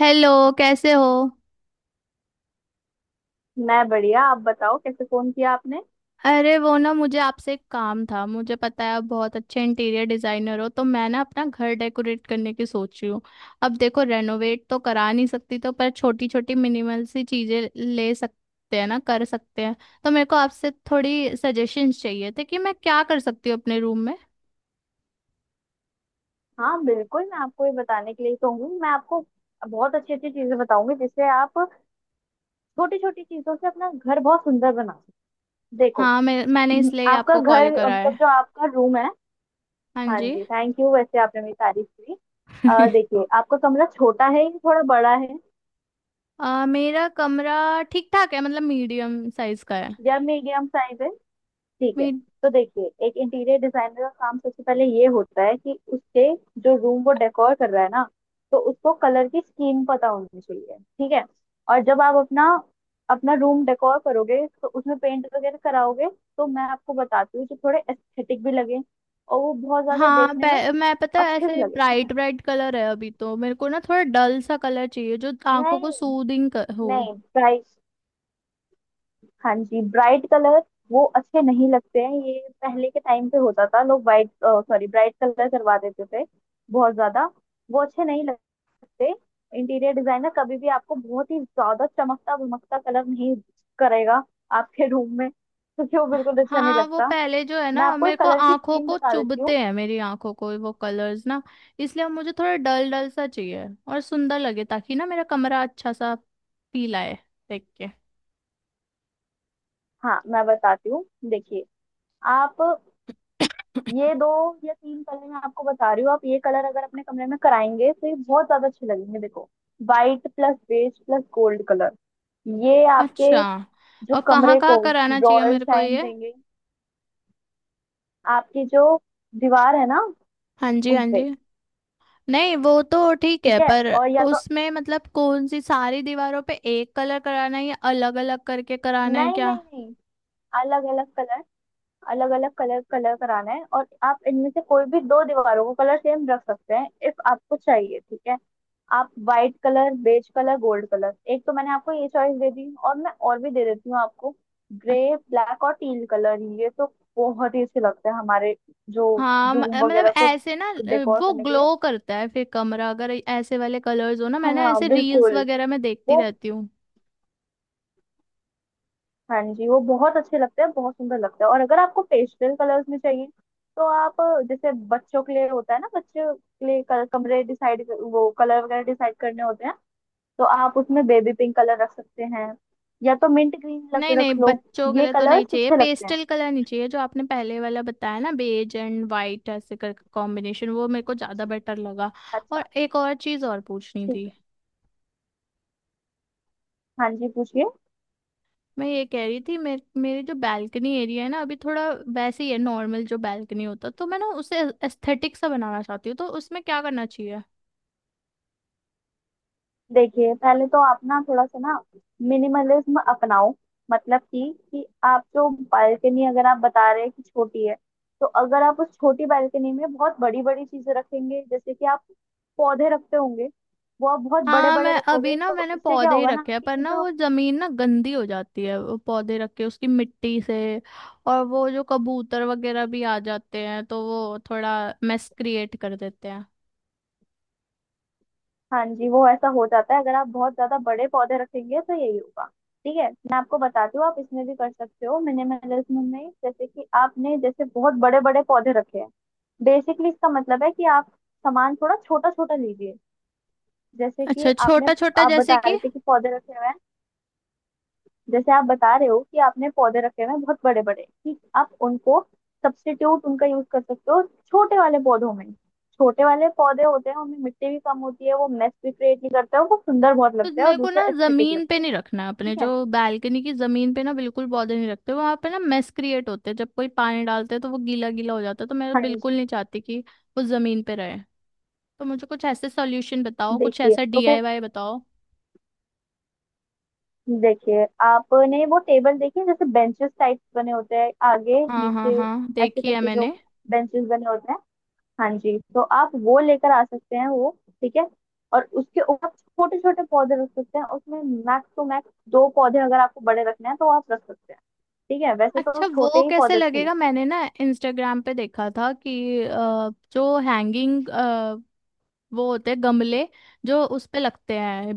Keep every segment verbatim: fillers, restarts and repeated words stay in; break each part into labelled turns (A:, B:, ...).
A: Hello. कैसे हो?
B: मैं बढ़िया। आप बताओ, कैसे फोन किया आपने?
A: अरे वो ना, मुझे आपसे एक काम था। मुझे पता है आप बहुत अच्छे इंटीरियर डिजाइनर हो, तो मैं ना अपना घर डेकोरेट करने की सोच रही हूँ। अब देखो, रेनोवेट तो करा नहीं सकती तो, पर छोटी छोटी मिनिमल सी चीजें ले सकते हैं ना, कर सकते हैं। तो मेरे को आपसे थोड़ी सजेशंस चाहिए थे कि मैं क्या कर सकती हूँ अपने रूम में।
B: हाँ बिल्कुल, मैं आपको ये बताने के लिए तो हूँ। मैं आपको बहुत अच्छी अच्छी चीजें बताऊंगी जिससे आप छोटी छोटी चीजों से अपना घर बहुत सुंदर बना सकते। देखो
A: हाँ, मैं मैंने इसलिए ही
B: आपका
A: आपको कॉल
B: घर
A: करा
B: मतलब
A: है।
B: जो आपका रूम है।
A: हाँ
B: हाँ
A: जी।
B: जी, थैंक यू, वैसे आपने मेरी तारीफ की। अ, देखिए आपका कमरा छोटा है या थोड़ा बड़ा है
A: अ, मेरा कमरा ठीक ठाक है, मतलब मीडियम साइज का है।
B: या मीडियम साइज है? ठीक है। तो देखिए, एक इंटीरियर डिजाइनर का काम सबसे पहले ये होता है कि उसके जो रूम वो डेकोर कर रहा है ना, तो उसको कलर की स्कीम पता होनी चाहिए। ठीक है। और जब आप अपना अपना रूम डेकोर करोगे तो उसमें पेंट वगैरह कराओगे, तो मैं आपको बताती हूँ जो थोड़े एस्थेटिक भी लगे और वो बहुत ज्यादा
A: हाँ,
B: देखने में
A: पै- मैं पता है
B: अच्छे भी
A: ऐसे
B: लगे। ठीक है।
A: ब्राइट ब्राइट कलर है अभी, तो मेरे को ना थोड़ा डल सा कलर चाहिए जो आंखों को
B: नहीं।
A: सूदिंग कर, हो।
B: नहीं भाई। हाँ जी, ब्राइट कलर वो अच्छे नहीं लगते हैं। ये पहले के टाइम पे होता था, लोग वाइट सॉरी ब्राइट कलर करवा देते थे बहुत ज्यादा। वो अच्छे नहीं लगते। इंटीरियर डिजाइनर कभी भी आपको बहुत ही ज्यादा चमकता भमकता कलर नहीं करेगा आपके रूम में, क्योंकि वो बिल्कुल अच्छा नहीं
A: हाँ, वो
B: लगता।
A: पहले जो है
B: मैं
A: ना,
B: आपको
A: मेरे
B: एक
A: को
B: कलर की
A: आंखों
B: स्कीम
A: को
B: बता देती
A: चुभते
B: हूँ।
A: हैं मेरी आंखों को वो कलर्स ना। इसलिए अब मुझे थोड़ा डल डल सा चाहिए और सुंदर लगे, ताकि ना मेरा कमरा अच्छा सा फील आए देख के।
B: हाँ, मैं बताती हूँ। देखिए, आप ये दो या तीन कलर मैं आपको बता रही हूँ, आप ये कलर अगर अपने कमरे में कराएंगे तो ये बहुत ज्यादा अच्छे लगेंगे। देखो, white plus beige plus gold colour, ये आपके
A: अच्छा,
B: जो
A: और कहाँ
B: कमरे
A: कहाँ
B: को
A: कराना चाहिए
B: रॉयल
A: मेरे को
B: शाइन
A: ये?
B: देंगे। आपकी जो दीवार है ना,
A: हाँ जी, हाँ
B: उनपे।
A: जी। नहीं, वो तो ठीक है,
B: ठीक है।
A: पर
B: और या तो
A: उसमें मतलब कौन सी, सारी दीवारों पे एक कलर कराना है या अलग अलग करके कराना है
B: नहीं
A: क्या?
B: नहीं नहीं, अलग अलग कलर, अलग अलग कलर कलर कराना है और आप इनमें से कोई भी दो दीवारों को कलर सेम रख सकते हैं इफ आपको चाहिए। ठीक है। आप white colour, beige colour, gold colour, एक तो मैंने आपको ये चॉइस दे दी और मैं और भी दे देती हूँ आपको।
A: अच-
B: ग्रे, ब्लैक और टील कलर, ये तो बहुत ही अच्छे लगते हैं हमारे जो
A: हाँ, म-
B: रूम
A: मतलब
B: वगैरह को
A: ऐसे ना, अ,
B: डेकोर
A: वो
B: करने के लिए।
A: ग्लो करता है फिर कमरा अगर ऐसे वाले कलर्स हो ना, मैंने
B: हाँ
A: ऐसे रील्स
B: बिल्कुल,
A: वगैरह में देखती
B: वो
A: रहती हूँ।
B: हाँ जी वो बहुत अच्छे लगते हैं, बहुत सुंदर लगते हैं। और अगर आपको पेस्टल कलर्स में चाहिए तो आप अ, जैसे बच्चों के लिए होता है ना, बच्चों के लिए कल, कमरे डिसाइड वो कलर वगैरह डिसाइड करने होते हैं, तो आप उसमें बेबी पिंक कलर रख सकते हैं या तो मिंट ग्रीन रख
A: नहीं नहीं,
B: रख लो।
A: बच्चों के
B: ये
A: लिए तो नहीं
B: कलर्स
A: चाहिए,
B: अच्छे लगते हैं।
A: पेस्टल कलर नहीं चाहिए। जो आपने पहले वाला बताया ना, बेज एंड वाइट ऐसे करके कॉम्बिनेशन, वो मेरे को ज्यादा बेटर लगा। और
B: अच्छा,
A: एक और चीज और पूछनी
B: ठीक
A: थी।
B: है। हाँ जी, पूछिए।
A: मैं ये कह रही थी, मेरे मेरे जो बैल्कनी एरिया है ना, अभी थोड़ा वैसे ही है, नॉर्मल जो बैल्कनी होता है, तो मैं ना उसे एस्थेटिक सा बनाना चाहती हूँ, तो उसमें क्या करना चाहिए?
B: देखिए, पहले तो आप ना थोड़ा सा ना मिनिमलिज्म अपनाओ। मतलब कि कि आप जो बालकनी अगर आप बता रहे हैं कि छोटी है, तो अगर आप उस छोटी बालकनी में बहुत बड़ी बड़ी चीजें रखेंगे, जैसे कि आप पौधे रखते होंगे, वो आप बहुत बड़े
A: हाँ,
B: बड़े
A: मैं अभी
B: रखोगे
A: ना
B: तो
A: मैंने
B: इससे क्या
A: पौधे ही
B: होगा ना
A: रखे हैं,
B: कि
A: पर
B: ये
A: ना
B: जो
A: वो जमीन ना गंदी हो जाती है वो पौधे रख के उसकी मिट्टी से। और वो जो कबूतर वगैरह भी आ जाते हैं, तो वो थोड़ा मेस क्रिएट कर देते हैं।
B: हाँ जी वो ऐसा हो जाता है। अगर आप बहुत ज्यादा बड़े पौधे रखेंगे तो यही होगा। ठीक है, मैं आपको बताती हूँ। आप इसमें भी कर सकते हो मिनिमलिज्म में। जैसे कि आपने जैसे बहुत बड़े बड़े पौधे रखे हैं, बेसिकली इसका मतलब है कि आप सामान थोड़ा छोटा छोटा लीजिए। जैसे कि
A: अच्छा,
B: आपने
A: छोटा छोटा,
B: आप
A: जैसे
B: बता रहे
A: कि?
B: थे कि पौधे रखे हुए हैं, जैसे आप बता रहे हो कि आपने पौधे रखे हुए हैं बहुत बड़े बड़े, ठीक, आप उनको सब्स्टिट्यूट उनका यूज कर सकते हो छोटे वाले पौधों में। छोटे वाले पौधे होते हैं उनमें मिट्टी भी कम होती है, वो मेस भी क्रिएट नहीं करते हैं, वो सुंदर बहुत
A: तो
B: लगता है और
A: मेरे को
B: दूसरा
A: ना
B: एस्थेटिक
A: जमीन पे
B: लगता है।
A: नहीं रखना है अपने
B: ठीक
A: जो
B: है।
A: बालकनी की जमीन पे ना, बिल्कुल पौधे नहीं रखते वहां पे ना, मेस क्रिएट होते हैं जब कोई पानी डालते हैं तो वो गीला गीला हो जाता है। तो मैं
B: हाँ
A: बिल्कुल
B: जी,
A: नहीं चाहती कि वो जमीन पे रहे। तो मुझे कुछ ऐसे सॉल्यूशन बताओ, कुछ
B: देखिए
A: ऐसा
B: तो फिर
A: डी आई वाई बताओ।
B: देखिए आपने वो टेबल देखी है, जैसे बेंचेस टाइप बने होते हैं आगे
A: हाँ हाँ
B: नीचे,
A: हाँ,
B: ऐसे
A: देखी है
B: करके जो
A: मैंने।
B: बेंचेस बने होते हैं। हाँ जी, तो आप वो लेकर आ सकते हैं वो। ठीक है। और उसके ऊपर छोटे छोटे पौधे रख सकते हैं, उसमें मैक्स टू मैक्स दो पौधे अगर आपको बड़े रखने हैं तो आप रख सकते हैं। ठीक है, वैसे तो
A: अच्छा, वो
B: छोटे ही
A: कैसे
B: पौधे अच्छे
A: लगेगा?
B: लगते
A: मैंने ना इंस्टाग्राम पे देखा था कि अ, जो हैंगिंग वो होते हैं गमले, जो उस पे लगते हैं,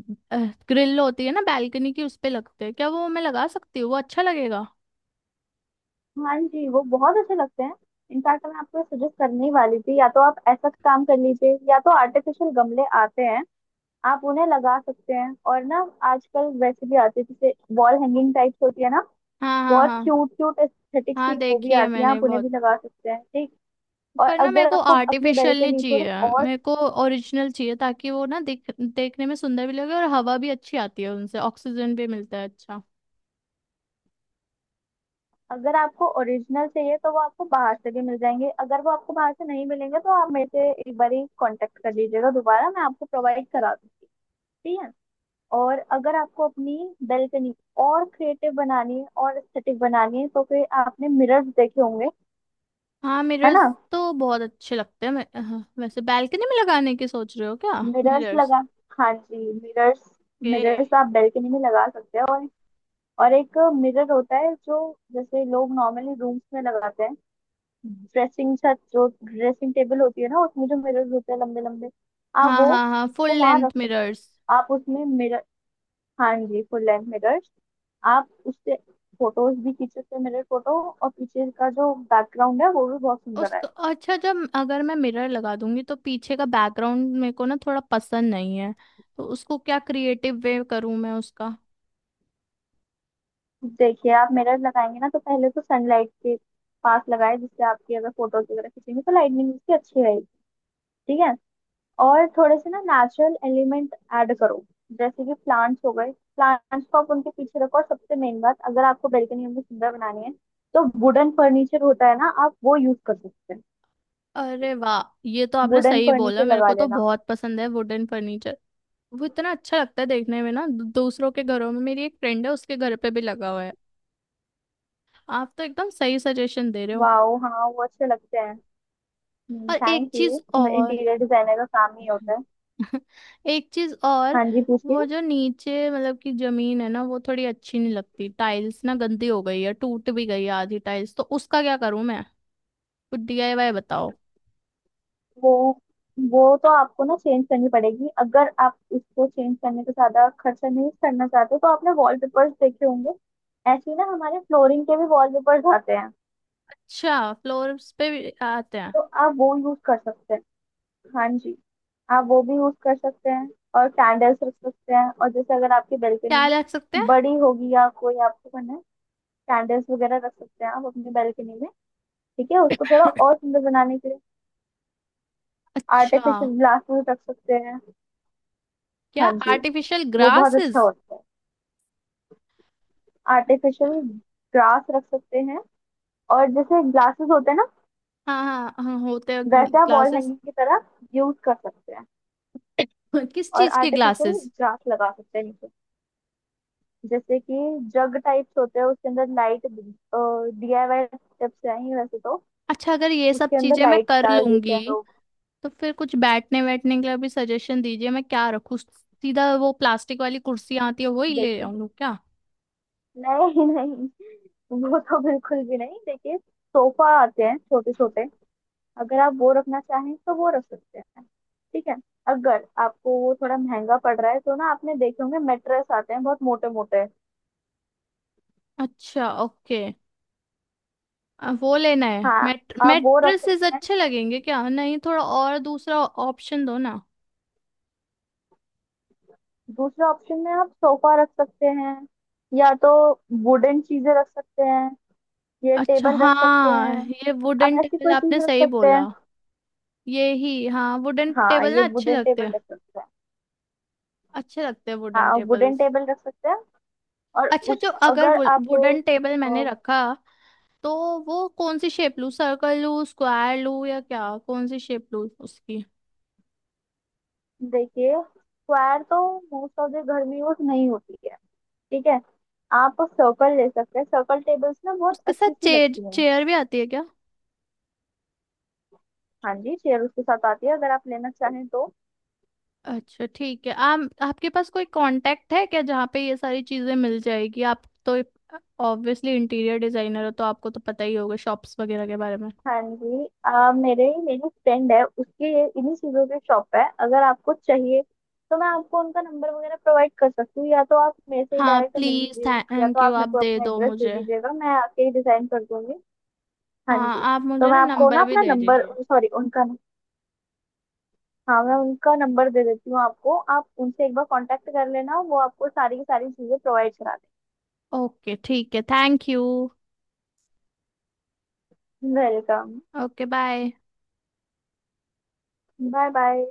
A: ग्रिल होती है ना बैल्कनी की, उस पे लगते हैं, क्या वो मैं लगा सकती हूँ? वो अच्छा लगेगा?
B: हैं। हाँ जी वो बहुत अच्छे लगते हैं। इनफैक्ट मैं आपको सजेस्ट करने ही वाली थी, या तो आप ऐसा काम कर लीजिए या तो आर्टिफिशियल गमले आते हैं, आप उन्हें लगा सकते हैं। और ना आजकल वैसे भी आते हैं, जैसे वॉल हैंगिंग टाइप्स होती है ना,
A: हाँ हाँ
B: बहुत
A: हाँ।
B: क्यूट क्यूट एस्थेटिक
A: हाँ,
B: सी वो भी
A: देखी है
B: आती है,
A: मैंने
B: आप उन्हें भी
A: बहुत।
B: लगा सकते हैं। ठीक। और
A: पर ना मेरे
B: अगर
A: को
B: आपको अपने बेल्ट
A: आर्टिफिशियल
B: पे
A: नहीं
B: नहीं, थोड़ी
A: चाहिए,
B: और
A: मेरे को ओरिजिनल चाहिए, ताकि वो ना दिख देखने में सुंदर भी लगे और हवा भी अच्छी आती है, उनसे ऑक्सीजन भी मिलता है अच्छा।
B: अगर आपको ओरिजिनल चाहिए तो वो आपको बाहर से भी मिल जाएंगे। अगर वो आपको बाहर से नहीं मिलेंगे तो आप मेरे से एक बार ही कॉन्टेक्ट कर लीजिएगा दोबारा, मैं आपको प्रोवाइड करा दूंगी। ठीक है। और अगर आपको अपनी बेल्कनी और क्रिएटिव बनानी है और एस्थेटिक बनानी है, तो फिर आपने मिरर्स देखे होंगे,
A: हाँ,
B: है ना।
A: मिरर्स तो बहुत अच्छे लगते हैं। मैं हाँ, वैसे बैल्कनी में लगाने की सोच रहे हो क्या
B: मिरर्स
A: मिरर्स
B: लगा हाँ जी मिरर्स,
A: के?
B: मिरर्स आप बेल्कनी में लगा सकते हैं। और और एक मिरर होता है जो जैसे लोग नॉर्मली रूम्स में लगाते हैं, ड्रेसिंग छत जो ड्रेसिंग टेबल होती है ना, उसमें जो मिरर्स होते हैं लंबे लंबे, आप
A: हाँ
B: वो
A: हाँ हाँ, फुल
B: उसको वहां
A: लेंथ
B: रख सकते हैं।
A: मिरर्स।
B: आप उसमें मिरर हाँ जी फुल लेंथ मिरर्स, आप उससे फोटोज भी खींच सकते हैं मिरर फोटो, और पीछे का जो बैकग्राउंड है वो भी बहुत सुंदर
A: उसका
B: आएगा।
A: अच्छा, जब अगर मैं मिरर लगा दूंगी तो पीछे का बैकग्राउंड मेरे को ना थोड़ा पसंद नहीं है, तो उसको क्या क्रिएटिव वे करूं मैं उसका?
B: देखिए आप मिरर लगाएंगे ना, तो पहले तो सनलाइट के पास लगाए जिससे आपकी अगर फोटोज वगैरह खींचेंगे तो लाइटनिंग उसकी अच्छी रहेगी। ठीक है। और थोड़े से ना नेचुरल एलिमेंट ऐड करो, जैसे कि प्लांट्स हो गए, प्लांट्स को आप उनके पीछे रखो। और सबसे मेन बात, अगर आपको बेल्कनी में सुंदर बनानी है तो वुडन फर्नीचर होता है ना, आप वो यूज कर सकते हैं।
A: अरे वाह, ये तो आपने
B: वुडन
A: सही बोला,
B: फर्नीचर
A: मेरे
B: लगा
A: को तो
B: लेना।
A: बहुत पसंद है वुडन फर्नीचर। वो इतना अच्छा लगता है देखने में ना, दू- दूसरों के घरों में, मेरी एक फ्रेंड है उसके घर पे भी लगा हुआ है। आप तो एकदम सही सजेशन दे रहे हो।
B: वाओ हाँ वो अच्छे लगते हैं।
A: और एक
B: थैंक यू,
A: चीज और।
B: इंटीरियर डिजाइनर का काम ही होता है।
A: एक चीज और,
B: हाँ जी, पूछिए।
A: वो जो नीचे, मतलब कि जमीन है ना, वो थोड़ी अच्छी नहीं लगती, टाइल्स ना गंदी हो गई है, टूट भी गई है आधी टाइल्स, तो उसका क्या करूं मैं? कुछ डी आई वाई बताओ।
B: वो वो तो आपको ना चेंज करनी पड़ेगी। अगर आप उसको चेंज करने का ज्यादा खर्चा नहीं करना चाहते तो आपने वॉलपेपर्स देखे होंगे, ऐसे ही ना हमारे फ्लोरिंग के भी वॉलपेपर्स आते हैं,
A: अच्छा, फ्लोर्स पे भी आते हैं?
B: तो आप वो यूज कर सकते हैं। हाँ जी, आप वो भी यूज कर सकते हैं। और कैंडल्स रख सकते हैं। और जैसे अगर आपकी
A: क्या
B: बेल्कनी
A: लग सकते हैं?
B: बड़ी होगी या कोई आपको करना है, कैंडल्स वगैरह रख सकते हैं आप अपनी बेल्कनी में, ठीक है, उसको थोड़ा और सुंदर बनाने के लिए।
A: अच्छा।
B: आर्टिफिशियल ग्लास भी रख सकते हैं।
A: क्या,
B: हाँ जी,
A: आर्टिफिशियल
B: वो बहुत अच्छा
A: ग्रासेस?
B: होता है। आर्टिफिशियल ग्रास रख सकते हैं। और जैसे ग्लासेस होते हैं ना,
A: हाँ हाँ हाँ, होते हैं
B: वैसे आप वॉल
A: ग्लासेस।
B: हैंगिंग की तरह यूज कर सकते हैं।
A: किस
B: और
A: चीज के
B: आर्टिफिशियल
A: ग्लासेस?
B: ग्रास लगा सकते हैं नीचे। जैसे कि जग टाइप्स होते हैं उसके अंदर लाइट, डीआईवाई टिप्स हैं ये वैसे तो,
A: अच्छा, अगर ये सब
B: उसके अंदर
A: चीजें मैं
B: लाइट
A: कर
B: डाल देते
A: लूंगी
B: हैं लोग।
A: तो फिर कुछ बैठने बैठने के लिए भी सजेशन दीजिए, मैं क्या रखूँ? सीधा वो प्लास्टिक वाली कुर्सी आती है वो ही ले
B: देखिए
A: आऊँ क्या?
B: नहीं नहीं, वो तो बिल्कुल भी नहीं। देखिए, सोफा आते हैं छोटे छोटे, अगर आप वो रखना चाहें तो वो रख सकते हैं। ठीक है। अगर आपको वो थोड़ा महंगा पड़ रहा है तो ना आपने देखे होंगे मेट्रेस आते हैं बहुत मोटे मोटे।
A: अच्छा ओके, वो लेना है?
B: हाँ,
A: मैट
B: आप वो रख
A: मैट्रेसेस
B: सकते हैं।
A: अच्छे लगेंगे क्या? नहीं, थोड़ा और दूसरा ऑप्शन दो ना।
B: दूसरे ऑप्शन में आप सोफा रख सकते हैं, या तो वुडन चीजें रख सकते हैं, ये
A: अच्छा
B: टेबल रख सकते
A: हाँ,
B: हैं,
A: ये
B: आप
A: वुडन
B: ऐसी
A: टेबल
B: कोई
A: आपने
B: चीज रख
A: सही
B: सकते
A: बोला।
B: हैं।
A: ये ही हाँ, वुडन
B: हाँ
A: टेबल
B: ये
A: ना अच्छे
B: वुडन
A: लगते
B: टेबल
A: हैं,
B: रख सकते हैं।
A: अच्छे लगते हैं वुडन
B: हाँ वुडन
A: टेबल्स।
B: टेबल रख सकते हैं। और
A: अच्छा,
B: उस
A: जो अगर
B: अगर आप
A: वुडन टेबल मैंने
B: अ,
A: रखा तो वो कौन सी शेप लूँ? सर्कल लूँ, स्क्वायर लूँ, या क्या, कौन सी शेप लूँ उसकी?
B: देखिए स्क्वायर तो मोस्ट ऑफ द घर में यूज नहीं होती है। ठीक है। आप सर्कल ले सकते हैं, सर्कल टेबल्स ना बहुत
A: उसके साथ
B: अच्छी सी
A: चेयर
B: लगती हैं।
A: चेयर भी आती है क्या?
B: हाँ जी, चेयर उसके साथ आती है अगर आप लेना चाहें तो।
A: अच्छा ठीक है। आप, आपके पास कोई कांटेक्ट है क्या, जहाँ पे ये सारी चीजें मिल जाएगी? आप तो ऑब्वियसली इंटीरियर डिजाइनर हो, तो आपको तो पता ही होगा शॉप्स वगैरह के बारे में।
B: हाँ जी आ, मेरे मेरी फ्रेंड है, उसके ये इन्हीं चीज़ों की शॉप है। अगर आपको चाहिए तो मैं आपको उनका नंबर वगैरह प्रोवाइड कर सकती हूँ, या तो आप मेरे से ही
A: हाँ
B: डायरेक्ट मिल
A: प्लीज,
B: लीजिए, या तो
A: थैंक यू,
B: आप
A: आप
B: मेरे को
A: दे
B: अपना
A: दो
B: एड्रेस दे
A: मुझे।
B: दीजिएगा मैं आके ही डिजाइन कर दूंगी। हाँ
A: हाँ,
B: जी,
A: आप
B: तो
A: मुझे
B: मैं
A: ना
B: आपको ना
A: नंबर भी
B: अपना
A: दे
B: नंबर
A: दीजिए।
B: सॉरी उनका, हाँ मैं उनका नंबर दे देती हूँ आपको, आप उनसे एक बार कांटेक्ट कर लेना, वो आपको सारी की सारी चीज़ें प्रोवाइड करा।
A: ओके ठीक है, thank you.
B: Welcome.
A: Okay, bye.
B: Bye bye.